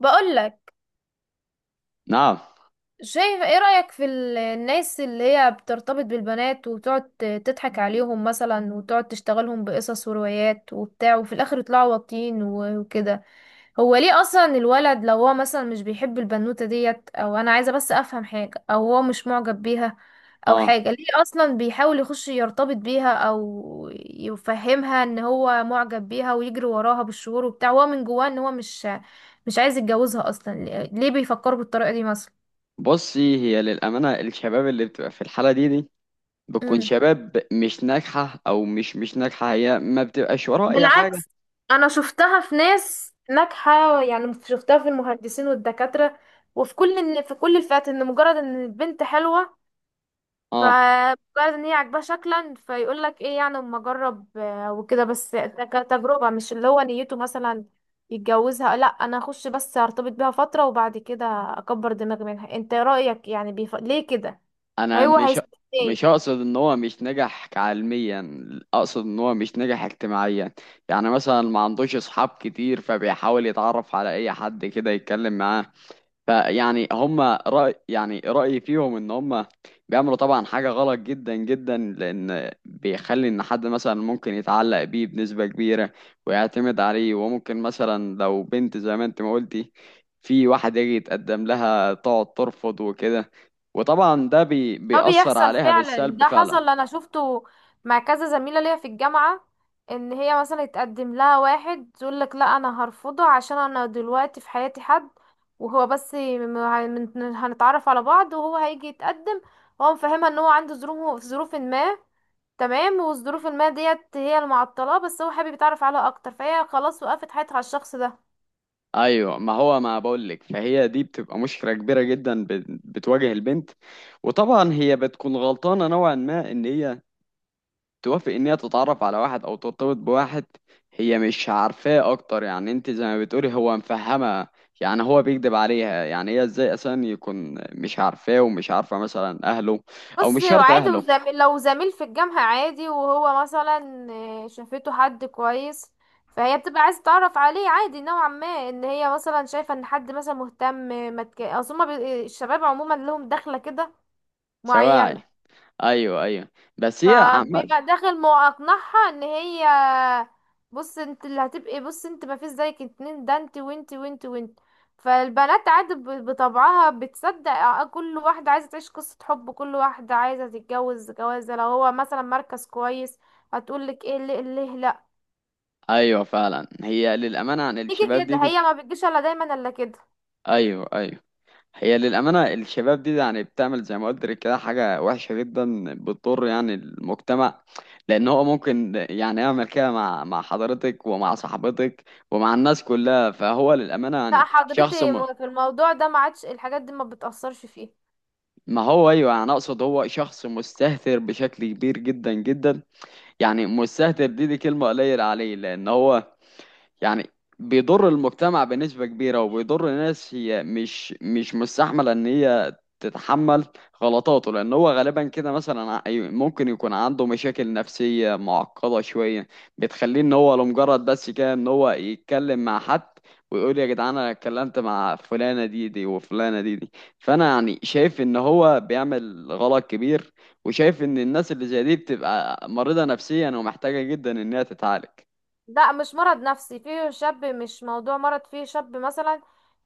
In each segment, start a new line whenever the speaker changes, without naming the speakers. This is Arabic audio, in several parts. بقولك،
نعم.
شايف ايه رأيك في الناس اللي هي بترتبط بالبنات وتقعد تضحك عليهم مثلا، وتقعد تشتغلهم بقصص وروايات وبتاع، وفي الاخر يطلعوا واطيين وكده. هو ليه اصلا الولد لو هو مثلا مش بيحب البنوتة ديت، او انا عايزة بس افهم حاجة، او هو مش معجب بيها او
اه،
حاجة، ليه اصلا بيحاول يخش يرتبط بيها او يفهمها ان هو معجب بيها ويجري وراها بالشهور وبتاع، وهو من جواه ان هو مش عايز يتجوزها اصلا؟ ليه ليه بيفكروا بالطريقة دي مثلا؟
بصي، هي للأمانة الشباب اللي بتبقى في الحالة دي بتكون شباب مش ناجحة، أو مش ناجحة، هي ما بتبقاش وراه أي حاجة.
بالعكس، انا شفتها في ناس ناجحه، يعني شفتها في المهندسين والدكاتره وفي كل إن في كل الفئات، ان مجرد ان البنت حلوه،
اه،
فمجرد ان هي عاجباه شكلا فيقول لك ايه يعني، اما اجرب وكده، بس ده كتجربه، مش اللي هو نيته مثلا يتجوزها، لا، انا اخش بس ارتبط بيها فتره وبعد كده اكبر دماغي منها. انت رايك يعني ليه كده؟
أنا
هو
مش
هيستفيد إيه؟
مش أقصد إن هو مش ناجح علميا، أقصد إن هو مش ناجح اجتماعيا. يعني مثلا ما عندوش أصحاب كتير، فبيحاول يتعرف على أي حد كده يتكلم معاه. فيعني هم رأي يعني رأيي فيهم ان هم بيعملوا طبعا حاجة غلط جدا جدا، لان بيخلي ان حد مثلا ممكن يتعلق بيه بنسبة كبيرة ويعتمد عليه. وممكن مثلا لو بنت زي ما انت ما قلتي، في واحد يجي يتقدم لها تقعد ترفض وكده، وطبعا ده
ده
بيأثر
بيحصل
عليها
فعلا،
بالسلب
ده
فعلا.
حصل، انا شفته مع كذا زميله ليا في الجامعه، ان هي مثلا يتقدم لها واحد تقول لك لا انا هرفضه عشان انا دلوقتي في حياتي حد، وهو بس هنتعرف على بعض وهو هيجي يتقدم، هو مفهمها ان هو عنده ظروف ما، تمام، والظروف ما ديت هي اللي معطلاه، بس هو حابب يتعرف عليها اكتر، فهي خلاص وقفت حياتها على الشخص ده.
ايوه، ما هو ما بقولك، فهي دي بتبقى مشكلة كبيرة جدا بتواجه البنت. وطبعا هي بتكون غلطانة نوعا ما ان هي توافق ان هي تتعرف على واحد او ترتبط بواحد هي مش عارفاه اكتر. يعني انت زي ما بتقولي هو مفهمها، يعني هو بيكذب عليها. يعني هي ازاي اصلا يكون مش عارفاه ومش عارفه مثلا اهله، او
بص،
مش شرط
عادي،
اهله.
وزميل لو زميل في الجامعة عادي وهو مثلا آه، شافته حد كويس، فهي بتبقى عايزة تعرف عليه، عادي نوعا ما ان هي مثلا شايفة ان حد مثلا مهتم. ما تك... اصل هما الشباب عموما لهم دخلة كده
سواعي،
معينة،
ايوه ايوه. بس هي
فبيبقى داخل ما اقنعها ان هي، بص انت اللي هتبقي، بص انت ما فيش زيك اتنين، ده انت وانت وانت وانت، فالبنات عادي بطبعها بتصدق، كل واحدة عايزة تعيش قصة حب، كل واحدة عايزة تتجوز جوازة لو هو مثلا مركز كويس، هتقولك ايه، ليه ليه لا،
ايوه فعلا، هي للامانه عن
تيجي
الشباب دي
كده،
دي
هي ما بتجيش الا دايما الا كده.
ايوه ايوه، هي للأمانة الشباب دي يعني بتعمل زي ما قلت لك كده حاجة وحشة جدا، بتضر يعني المجتمع، لأن هو ممكن يعني يعمل كده مع حضرتك ومع صاحبتك ومع الناس كلها. فهو للأمانة
لا
يعني
حضرتي، في الموضوع ده ما عادش الحاجات دي ما بتأثرش فيه.
ما هو أيوه، يعني أقصد هو شخص مستهتر بشكل كبير جدا جدا. يعني مستهتر دي كلمة قليلة عليه، لأن هو يعني بيضر المجتمع بنسبة كبيرة، وبيضر ناس هي مش مستحملة ان هي تتحمل غلطاته. لان هو غالبا كده مثلا ممكن يكون عنده مشاكل نفسية معقدة شوية، بتخليه ان هو لمجرد بس كده ان هو يتكلم مع حد، ويقول يا جدعان انا اتكلمت مع فلانة دي وفلانة دي. فانا يعني شايف ان هو بيعمل غلط كبير، وشايف ان الناس اللي زي دي بتبقى مريضة نفسيا ومحتاجة جدا انها تتعالج.
لا، مش مرض نفسي، فيه شاب مش موضوع مرض، فيه شاب مثلا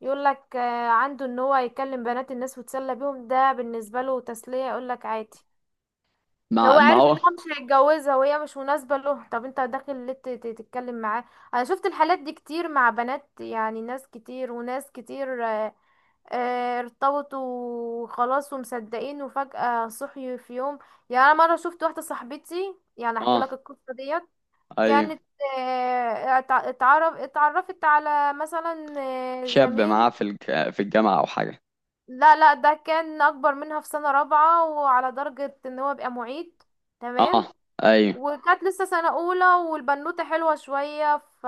يقول لك عنده ان هو يكلم بنات الناس ويتسلى بيهم، ده بالنسبه له تسليه، يقول لك عادي.
مع
هو
ما
عارف ان
هو.
هو مش هيتجوزها وهي مش مناسبه له، طب انت داخل ليه تتكلم معاه؟ انا شفت الحالات دي كتير مع بنات، يعني ناس كتير وناس كتير ارتبطوا وخلاص ومصدقين، وفجأة صحي في يوم. يعني انا مره شفت واحده صاحبتي، يعني احكي
اه
لك القصه ديت،
ايوه،
كانت اتعرفت على مثلا آه،
شاب
زميل.
معاه في الجامعة او حاجة.
لا لا، ده كان اكبر منها في سنة رابعة وعلى درجة ان هو بقى معيد،
اه
تمام،
ايوه.
وكانت لسه سنة اولى والبنوتة حلوة شوية، ف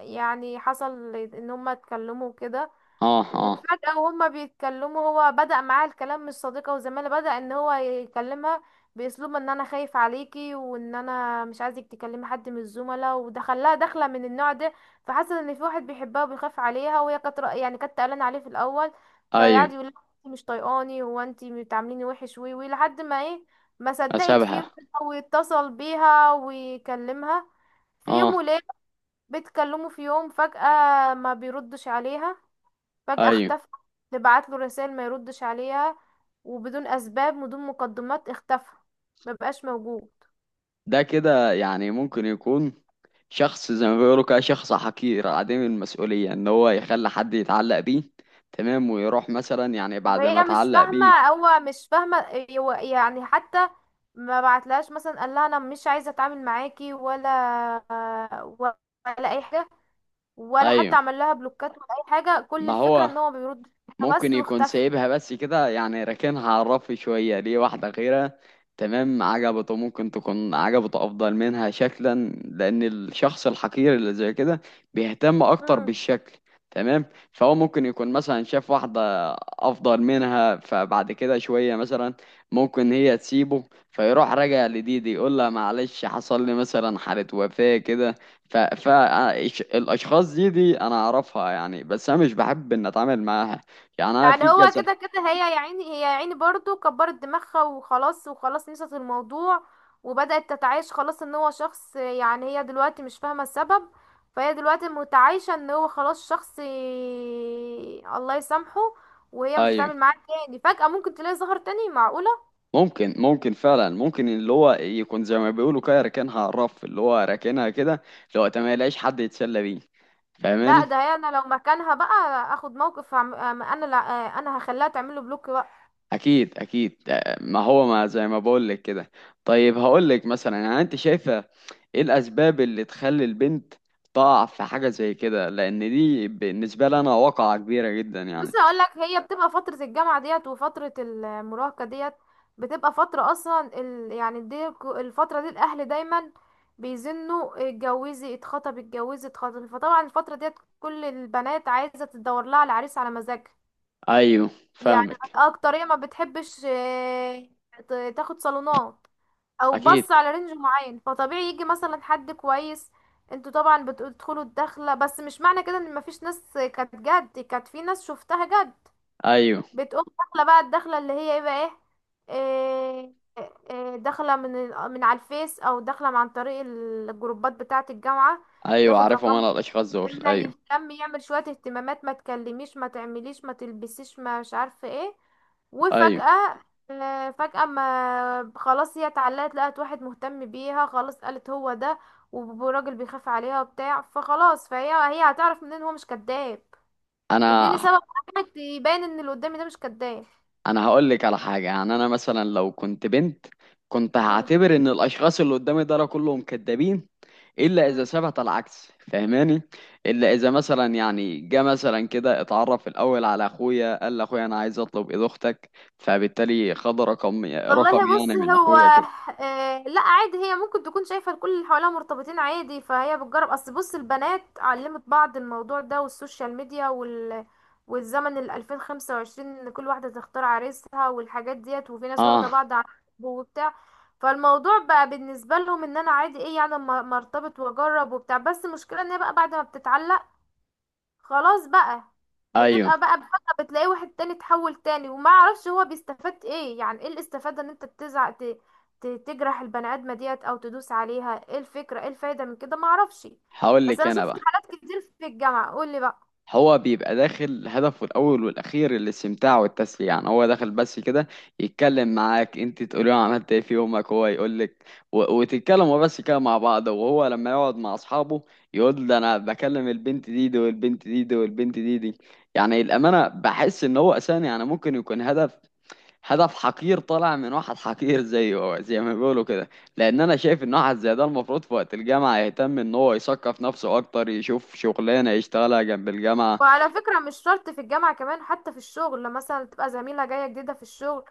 يعني حصل ان هما اتكلموا كده،
اه اه.
وفجأة وهما بيتكلموا هو بدأ معاها الكلام مش صديقة وزميلة، بدأ ان هو يكلمها بأسلوب ان انا خايف عليكي وان انا مش عايزك تكلمي حد من الزملاء، ودخلها دخلة من النوع ده، فحس ان في واحد بيحبها وبيخاف عليها، وهي كانت يعني كانت قلقانة عليه في الاول، فقعد
ايوه.
يقول لها انت مش طايقاني، هو انت بتعامليني وحش، وي وي لحد ما ايه، ما صدقت فيه،
اشبهه.
واتصل بيها ويكلمها في يوم
اه
وليلة بيتكلموا، في يوم فجأة ما بيردش عليها، فجأة
ايوه.
اختفى، تبعت له رسائل ما يردش عليها، وبدون اسباب بدون مقدمات اختفى، ما بقاش موجود.
ده كده يعني ممكن يكون شخص زي ما بيقولوا كده، شخص حقير عديم المسؤولية ان هو يخلي حد يتعلق بيه. تمام، ويروح مثلا يعني بعد ما
وهي مش
اتعلق
فاهمة،
بيه.
هو مش فاهمة، هو يعني حتى ما بعتلهاش مثلا قال لها انا مش عايزة اتعامل معاكي، ولا ولا اي حاجة، ولا
ايوه،
حتى عمل لها بلوكات ولا اي حاجة، كل
ما
الفكرة
هو
ان هو بيرد
ممكن
بس
يكون
واختفى.
سايبها بس كده، يعني راكنها على الرف شوية ليه واحدة غيرها. تمام، عجبته، ممكن تكون عجبته أفضل منها شكلا، لأن الشخص الحقير اللي زي كده بيهتم أكتر بالشكل. تمام، فهو ممكن يكون مثلا شاف واحدة أفضل منها، فبعد كده شوية مثلا ممكن هي تسيبه، فيروح راجع لدي يقول لها معلش حصل لي مثلا حالة وفاة كده. فالأشخاص دي أنا أعرفها يعني، بس أنا مش بحب إن أتعامل معاها. يعني انا
يعني
في
هو
كذا.
كده كده، هي يا عيني، هي يا عيني برضو كبرت دماغها وخلاص، وخلاص نسيت الموضوع، وبدأت تتعايش خلاص ان هو شخص، يعني هي دلوقتي مش فاهمة السبب، فهي دلوقتي متعايشة ان هو خلاص شخص الله يسامحه، وهي مش
ايوه،
هتعمل معاه تاني، فجأة ممكن تلاقي ظهر تاني، معقولة؟
ممكن ممكن فعلا، ممكن اللي هو يكون زي ما بيقولوا كده راكنها على الرف، اللي هو راكنها كده، اللي هو تمام ما يلاقيش حد يتسلى بيه.
لا
فاهماني؟
ده هي انا لو مكانها بقى اخد موقف، انا لا، انا هخليها تعمله بلوك بقى.
اكيد اكيد آه، ما هو ما زي ما بقول لك كده. طيب هقول لك مثلا، يعني انت شايفه ايه الاسباب اللي تخلي البنت تقع في حاجه زي كده؟ لان دي بالنسبه لي انا واقعه كبيره جدا
بص
يعني.
هقول لك، هي بتبقى فترة الجامعة ديت وفترة المراهقة ديت بتبقى فترة اصلا يعني دي الفترة دي الاهل دايما بيزنوا اتجوزي اتخطب اتجوزي اتخطب، فطبعا الفترة ديت كل البنات عايزة تدور لها على عريس على مزاجها،
ايوه
يعني
فاهمك.
اكترية ما بتحبش تاخد صالونات، او
اكيد.
بص على رينج معين، فطبيعي يجي مثلا حد كويس، انتوا طبعا بتدخلوا الدخلة، بس مش معنى كده ان مفيش ناس كانت جد، كانت في ناس شفتها جد،
ايوه
بتقوم داخله بقى الدخله اللي هي ايه بقى، ايه، إيه- إيه، داخله من من على الفيس، او داخله عن طريق الجروبات بتاعه الجامعه،
ايوه،
ياخد
عارفهم
رقم،
انا الاشخاص دول.
يهتمها
ايوه
يهتم يعمل شويه اهتمامات، ما تكلميش ما تعمليش ما تلبسيش ما مش عارفه ايه،
ايوه.
وفجاه آه، فجاه ما خلاص هي اتعلقت، لقت واحد مهتم بيها، خلاص قالت هو ده، وراجل بيخاف عليها وبتاع، فخلاص، فهي هي هتعرف منين هو مش كذاب؟
انا
اديني سبب واحد يبين ان اللي قدامي ده مش كذاب.
انا هقول لك على حاجه، يعني انا مثلا لو كنت بنت كنت
مم.
هعتبر ان الاشخاص اللي قدامي دول كلهم كدابين، الا اذا
مم.
ثبت العكس. فاهماني؟ الا اذا مثلا يعني جه مثلا كده اتعرف الاول على اخويا، قال لاخويا انا عايز اطلب ايد اختك، فبالتالي خد رقم
والله بص،
يعني من
هو
اخويا كده.
آه لا عادي، هي ممكن تكون شايفة الكل اللي حواليها مرتبطين عادي، فهي بتجرب، اصل بص البنات علمت بعض الموضوع ده، والسوشيال ميديا وال والزمن ال 2025، ان كل واحدة تختار عريسها والحاجات ديت، وفي ناس واخدة
اه
بعض عن حب وبتاع، فالموضوع بقى بالنسبة لهم ان انا عادي، ايه يعني اما، أما ارتبط واجرب وبتاع، بس المشكلة ان هي بقى بعد ما بتتعلق خلاص بقى،
ايوه.
بتبقى بقى بفجأة بتلاقي واحد تاني، اتحول تاني، وما اعرفش هو بيستفاد ايه، يعني ايه الاستفادة ان انت تزعق، تجرح البني ادمة ديت او تدوس عليها، ايه الفكرة ايه الفايدة من كده، ما اعرفش،
هقول
بس
لك
انا
انا
شفت
بقى،
حالات كتير في الجامعة، قول لي بقى.
هو بيبقى داخل هدفه الأول والأخير الاستمتاع والتسلية. يعني هو داخل بس كده يتكلم معاك، انت تقولي له عملت ايه في يومك، هو يقولك، وتتكلموا بس كده مع بعض. وهو لما يقعد مع أصحابه يقول ده أنا بكلم البنت دي والبنت دي والبنت دي. يعني الأمانة بحس إن هو أساسا، يعني ممكن يكون هدف حقير طالع من واحد حقير زيه، هو زي ما بيقولوا كده. لأن أنا شايف إن واحد زي ده المفروض في وقت الجامعة يهتم إن هو يثقف نفسه أكتر، يشوف شغلانة يشتغلها جنب الجامعة.
وعلى فكرة مش شرط في الجامعة، كمان حتى في الشغل، لما مثلا تبقى زميلة جاية جديدة في الشغل،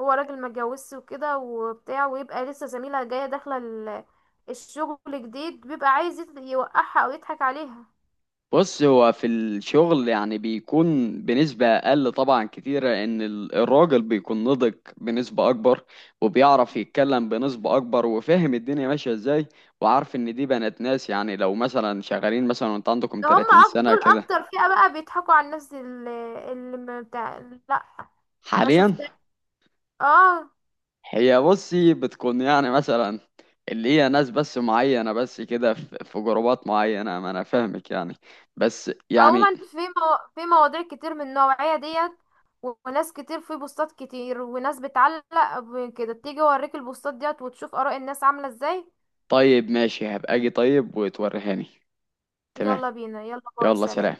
هو راجل ما اتجوزش وكده وبتاع، ويبقى لسه زميلة جاية داخلة الشغل جديد، بيبقى عايز يوقعها او يضحك عليها.
بص، هو في الشغل يعني بيكون بنسبة أقل طبعا كتيرة، إن الراجل بيكون نضج بنسبة أكبر، وبيعرف يتكلم بنسبة أكبر، وفاهم الدنيا ماشية إزاي، وعارف إن دي بنات ناس. يعني لو مثلا شغالين مثلا وأنت عندكم
ده هم
30 سنة
دول
كده
اكتر فئة بقى، بيضحكوا على الناس اللي ما بتاع، لا ما
حاليا.
شفتها، اه
هي بصي بتكون يعني مثلا اللي هي ناس بس معينة بس كده، في في جروبات معينة، ما أنا فاهمك يعني. بس يعني
عموما في مواضيع كتير من النوعية ديت، وناس كتير في بوستات كتير، وناس بتعلق كده، تيجي اوريك البوستات ديت وتشوف آراء الناس عاملة ازاي.
طيب ماشي، هبقى أجي طيب وتوريهاني. تمام،
يلا بينا، يلا باي،
يلا
سلام.
سلام.